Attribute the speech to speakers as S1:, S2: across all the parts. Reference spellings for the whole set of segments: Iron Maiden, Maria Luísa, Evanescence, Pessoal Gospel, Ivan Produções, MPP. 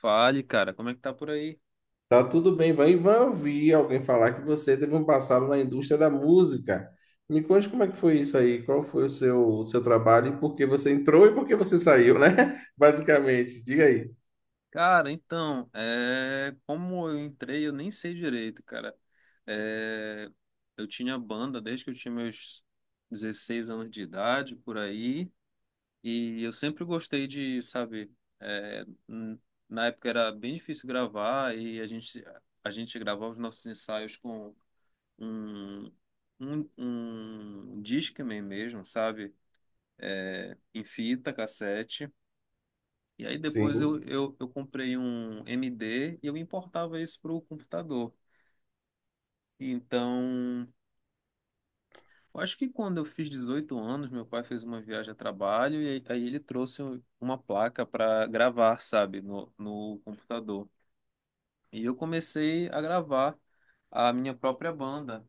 S1: Fale, cara, como é que tá por aí?
S2: Tá tudo bem, vai, vai ouvir alguém falar que você teve um passado na indústria da música. Me conte como é que foi isso aí, qual foi o seu trabalho e por que você entrou e por que você saiu, né? Basicamente, diga aí.
S1: Cara, então, como eu entrei, eu nem sei direito, cara. É, eu tinha banda desde que eu tinha meus 16 anos de idade, por aí, e eu sempre gostei de, sabe, é, n- na época era bem difícil gravar e a gente gravava os nossos ensaios com um, um Discman mesmo, sabe? É, em fita, cassete. E aí depois eu,
S2: Sim,
S1: eu, eu comprei um MD e eu importava isso para o computador. Então, eu acho que quando eu fiz 18 anos, meu pai fez uma viagem a trabalho e aí ele trouxe uma placa para gravar, sabe, no computador. E eu comecei a gravar a minha própria banda.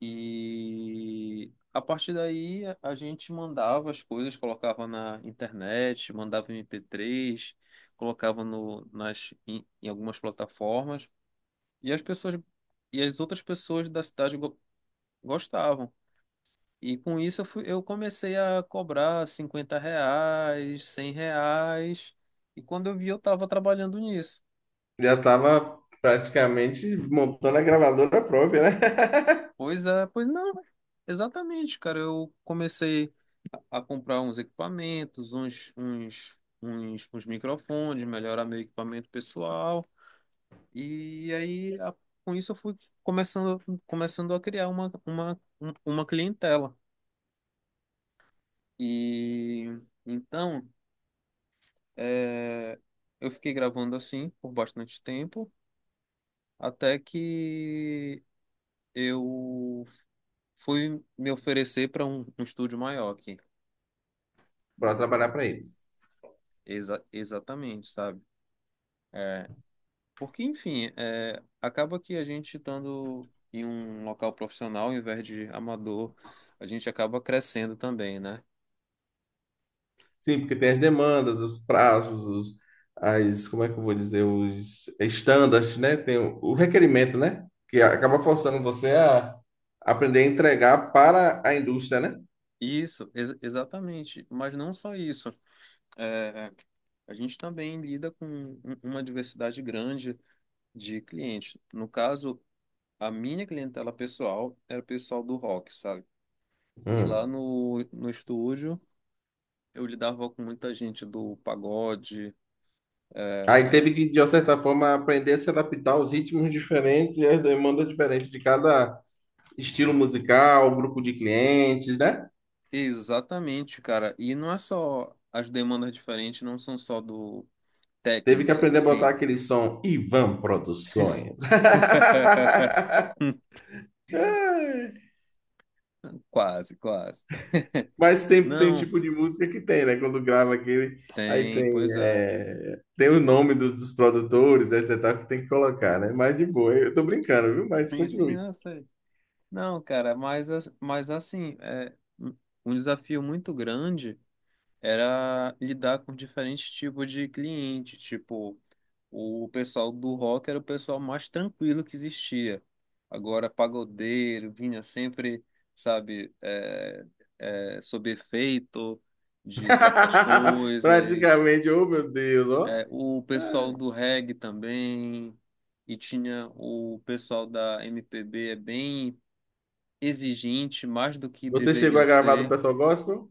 S1: E a partir daí a gente mandava as coisas, colocava na internet, mandava MP3, colocava no, nas, em, em algumas plataformas, e as outras pessoas da cidade gostavam. E com isso eu comecei a cobrar 50 reais, 100 reais, e quando eu vi eu estava trabalhando nisso.
S2: já estava praticamente montando a gravadora própria, né?
S1: Pois é, pois não, exatamente, cara, eu comecei a comprar uns equipamentos, uns microfones, melhorar meu equipamento pessoal. E aí, com isso, eu fui começando, começando a criar uma clientela. E então, é, eu fiquei gravando assim por bastante tempo, até que eu fui me oferecer para um estúdio maior aqui.
S2: Para trabalhar
S1: E
S2: para eles.
S1: exatamente, sabe? É, Porque, enfim, acaba que a gente estando em um local profissional, ao invés de amador, a gente acaba crescendo também, né?
S2: Sim, porque tem as demandas, os prazos, como é que eu vou dizer, os standards, né? Tem o requerimento, né? Que acaba forçando você a aprender a entregar para a indústria, né?
S1: Isso, exatamente. Mas não só isso. É, a gente também lida com uma diversidade grande de clientes. No caso, a minha clientela pessoal era o pessoal do rock, sabe? E lá
S2: Hum.
S1: no estúdio, eu lidava com muita gente do pagode.
S2: Aí teve que, de uma certa forma, aprender a se adaptar aos ritmos diferentes e às demandas diferentes de cada estilo musical, grupo de clientes, né?
S1: Exatamente, cara. E não é só as demandas diferentes, não são só do
S2: Teve que
S1: técnicas,
S2: aprender a
S1: assim.
S2: botar aquele som Ivan Produções.
S1: Quase, quase.
S2: Mas tem, tem um
S1: Não,
S2: tipo de música que tem, né? Quando grava aquele, aí
S1: tem,
S2: tem,
S1: pois é.
S2: é, tem o nome dos produtores, etc, que tem que colocar, né? Mas de boa, eu tô brincando, viu? Mas
S1: Sim, sim,
S2: continue.
S1: não sei. Não, cara, mas, mas assim, é um um desafio muito grande. Era lidar com diferentes tipos de cliente. Tipo, o pessoal do rock era o pessoal mais tranquilo que existia. Agora, pagodeiro vinha sempre, sabe, sob efeito de certas coisas.
S2: Praticamente, oh meu Deus, ó.
S1: É, o
S2: Ah,
S1: pessoal do reggae também. E tinha o pessoal da MPB, é bem exigente, mais do que
S2: você chegou
S1: deveriam
S2: a gravar do
S1: ser.
S2: Pessoal Gospel?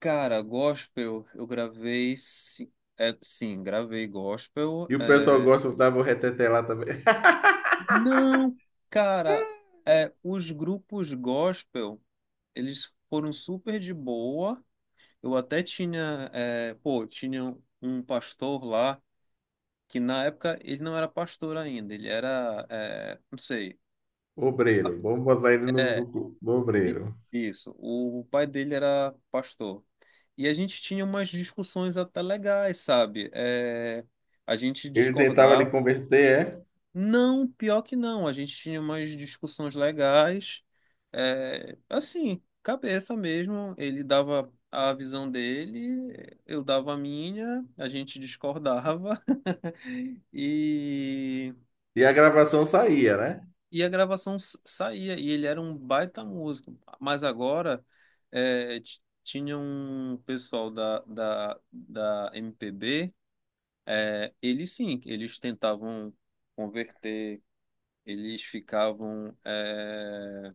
S1: Cara, gospel, eu gravei. Sim, sim, gravei gospel.
S2: E o Pessoal Gospel tava o reteté lá também.
S1: Não, cara, os grupos gospel, eles foram super de boa. Eu até tinha. Pô, tinha um um pastor lá, que na época ele não era pastor ainda, ele era. Não sei.
S2: Obreiro, vamos botar ele no,
S1: é,
S2: no, no
S1: I-
S2: obreiro.
S1: Isso. O pai dele era pastor. E a gente tinha umas discussões até legais, sabe? É, a gente
S2: Ele tentava lhe
S1: discordava.
S2: converter, é?
S1: Não, pior que não. A gente tinha umas discussões legais. É, assim, cabeça mesmo. Ele dava a visão dele, eu dava a minha, a gente discordava. E
S2: E a gravação saía, né?
S1: E a gravação saía, e ele era um baita músico. Mas agora tinha um pessoal da MPB, é, eles sim, eles tentavam converter, eles ficavam.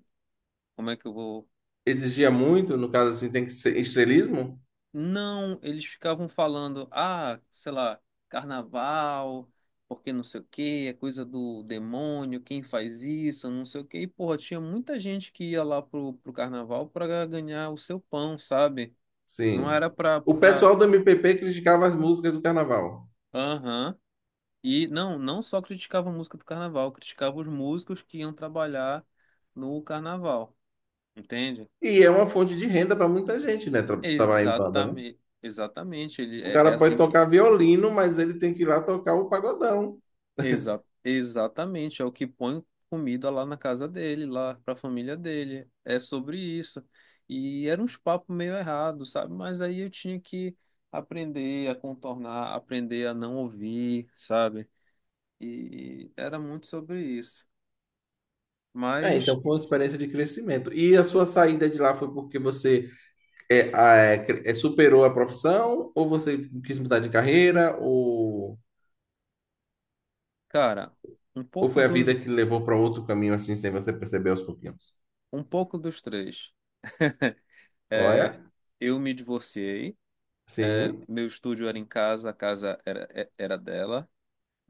S1: Como é que eu vou.
S2: Exigia muito, no caso assim, tem que ser estrelismo?
S1: Não, eles ficavam falando, ah, sei lá, carnaval, porque não sei o quê, é coisa do demônio, quem faz isso, não sei o quê. E, porra, tinha muita gente que ia lá pro carnaval pra ganhar o seu pão, sabe? Não
S2: Sim.
S1: era
S2: O
S1: pra...
S2: pessoal do MPP criticava as músicas do carnaval.
S1: Aham. E não, não só criticava a música do carnaval, criticava os músicos que iam trabalhar no carnaval, entende?
S2: E é uma fonte de renda para muita gente, né? Trabalhar em banda, né?
S1: Exatamente, exatamente. Ele,
S2: O
S1: é é
S2: cara pode
S1: assim que.
S2: tocar violino, mas ele tem que ir lá tocar o pagodão.
S1: Exa exatamente, é o que põe comida lá na casa dele, lá para a família dele. É sobre isso. E era uns papos meio errados, sabe? Mas aí eu tinha que aprender a contornar, aprender a não ouvir, sabe? E era muito sobre isso.
S2: É,
S1: Mas,
S2: então foi uma experiência de crescimento. E a sua saída de lá foi porque você superou a profissão, ou você quis mudar de carreira,
S1: cara, um
S2: ou
S1: pouco
S2: foi a vida
S1: dos,
S2: que levou para outro caminho assim, sem você perceber aos pouquinhos?
S1: um pouco dos três. É,
S2: Olha,
S1: eu me divorciei,
S2: sim,
S1: meu estúdio era em casa, a casa era, era dela,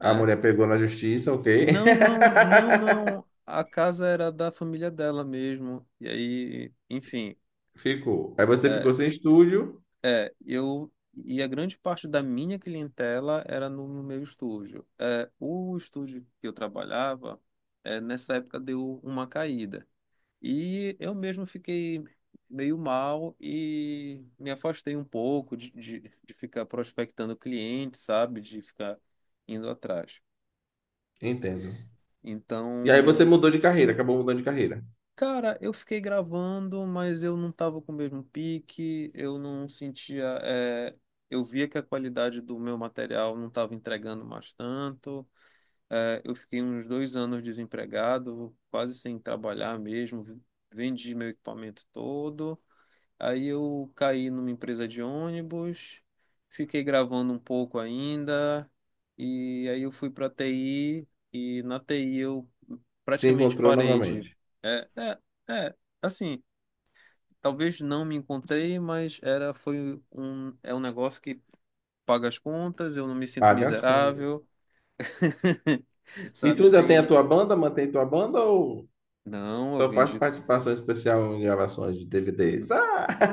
S2: a mulher pegou na justiça, ok.
S1: Não, não, não, não. A casa era da família dela mesmo. E aí, enfim,
S2: Ficou. Aí você ficou
S1: é,
S2: sem estúdio,
S1: eu. E a grande parte da minha clientela era no meu estúdio. É, o estúdio que eu trabalhava, nessa época deu uma caída. E eu mesmo fiquei meio mal e me afastei um pouco de ficar prospectando clientes, sabe? De ficar indo atrás.
S2: entendo. E aí você
S1: Então.
S2: mudou de carreira, acabou mudando de carreira.
S1: Cara, eu fiquei gravando, mas eu não tava com o mesmo pique, eu não sentia. Eu via que a qualidade do meu material não tava entregando mais tanto. É, eu fiquei uns dois anos desempregado, quase sem trabalhar mesmo. Vendi meu equipamento todo. Aí eu caí numa empresa de ônibus, fiquei gravando um pouco ainda, e aí eu fui para TI, e na TI eu
S2: Se
S1: praticamente
S2: encontrou
S1: parei de.
S2: novamente.
S1: É, é, é, assim, talvez não me encontrei, mas era, foi um, é um negócio que paga as contas, eu não me sinto
S2: Paga as contas.
S1: miserável,
S2: E tu
S1: sabe?
S2: ainda tem a
S1: Tem.
S2: tua banda, mantém tua banda ou
S1: Não, eu
S2: só faz
S1: vendi.
S2: participação especial em gravações de DVDs?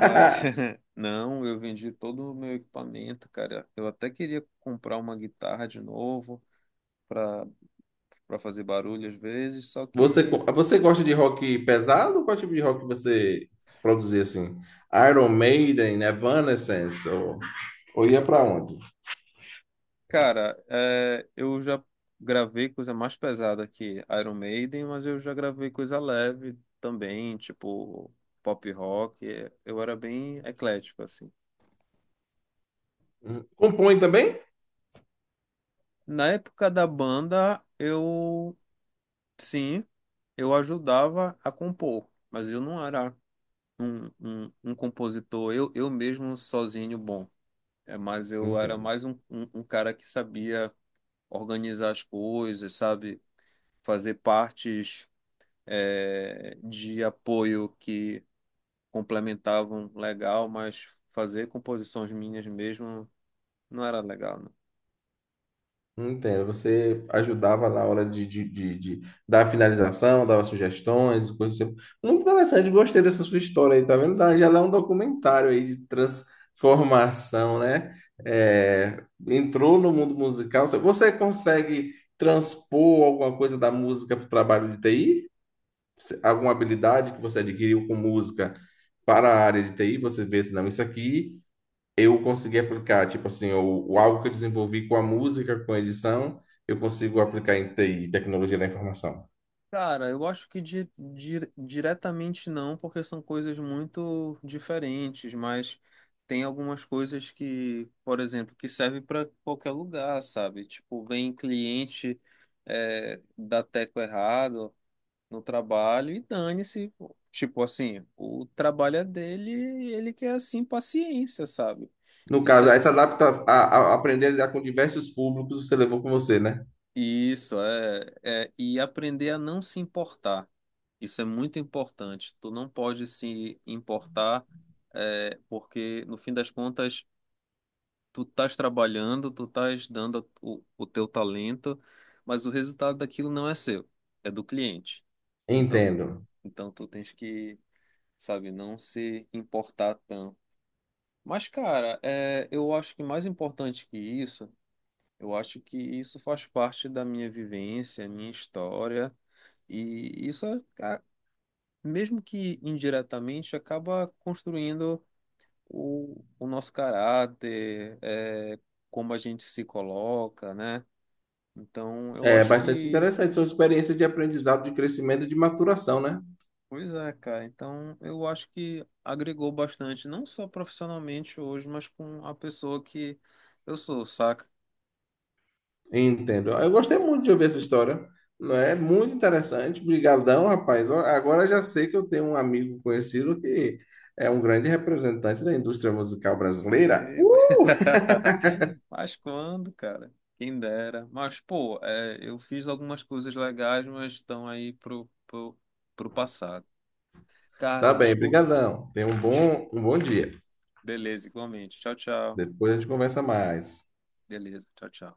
S1: Ah, não, eu vendi todo o meu equipamento, cara. Eu até queria comprar uma guitarra de novo para para fazer barulho às vezes, só
S2: Você,
S1: que,
S2: você gosta de rock pesado? Qual tipo de rock você produzia assim? Iron Maiden, Evanescence ou ia pra onde?
S1: cara, eu já gravei coisa mais pesada que Iron Maiden, mas eu já gravei coisa leve também, tipo pop rock. Eu era bem eclético assim.
S2: Compõe também?
S1: Na época da banda, eu sim, eu ajudava a compor, mas eu não era um compositor, eu mesmo sozinho, bom. É, mas eu era
S2: Entendo.
S1: mais um cara que sabia organizar as coisas, sabe? Fazer partes de apoio que complementavam legal, mas fazer composições minhas mesmo não era legal, né?
S2: Entendo. Você ajudava na hora de dar a finalização, dava sugestões, coisas do tipo. Muito interessante, gostei dessa sua história aí, tá vendo? Já dá um documentário aí de transformação, né? É, entrou no mundo musical. Você consegue transpor alguma coisa da música para o trabalho de TI? Alguma habilidade que você adquiriu com música para a área de TI? Você vê se não, isso aqui eu consegui aplicar, tipo assim, o algo que eu desenvolvi com a música, com a edição, eu consigo aplicar em TI, tecnologia da informação.
S1: Cara, eu acho que diretamente não, porque são coisas muito diferentes, mas tem algumas coisas que, por exemplo, que servem para qualquer lugar, sabe? Tipo, vem cliente dá teco errado no trabalho e dane-se. Tipo assim, o trabalho é dele e ele quer assim paciência, sabe?
S2: No
S1: Isso
S2: caso,
S1: é,
S2: essa adaptação, a aprender a lidar com diversos públicos, você levou com você, né?
S1: e aprender a não se importar. Isso é muito importante. Tu não pode se importar, porque no fim das contas, tu estás trabalhando, tu estás dando o teu talento, mas o resultado daquilo não é seu, é do cliente. Então tu,
S2: Entendo.
S1: então tu tens que, sabe, não se importar tanto. Mas, cara, eu acho que mais importante que isso, eu acho que isso faz parte da minha vivência, minha história. E isso é, mesmo que indiretamente, acaba construindo o nosso caráter, como a gente se coloca, né? Então, eu
S2: É
S1: acho
S2: bastante
S1: que.
S2: interessante, são experiências de aprendizado, de crescimento, e de maturação, né?
S1: Pois é, cara. Então, eu acho que agregou bastante, não só profissionalmente hoje, mas com a pessoa que eu sou, saca?
S2: Entendo. Eu gostei muito de ouvir essa história, não é? Muito interessante. Obrigadão, rapaz. Ó, agora já sei que eu tenho um amigo conhecido que é um grande representante da indústria musical brasileira.
S1: E- Mas quando, cara? Quem dera. Mas, pô, eu fiz algumas coisas legais, mas estão aí pro passado.
S2: Tá
S1: Cara,
S2: bem,
S1: desculpa.
S2: brigadão. Tenha um bom dia.
S1: Beleza, igualmente. Tchau, tchau.
S2: Depois a gente conversa mais.
S1: Beleza, tchau, tchau.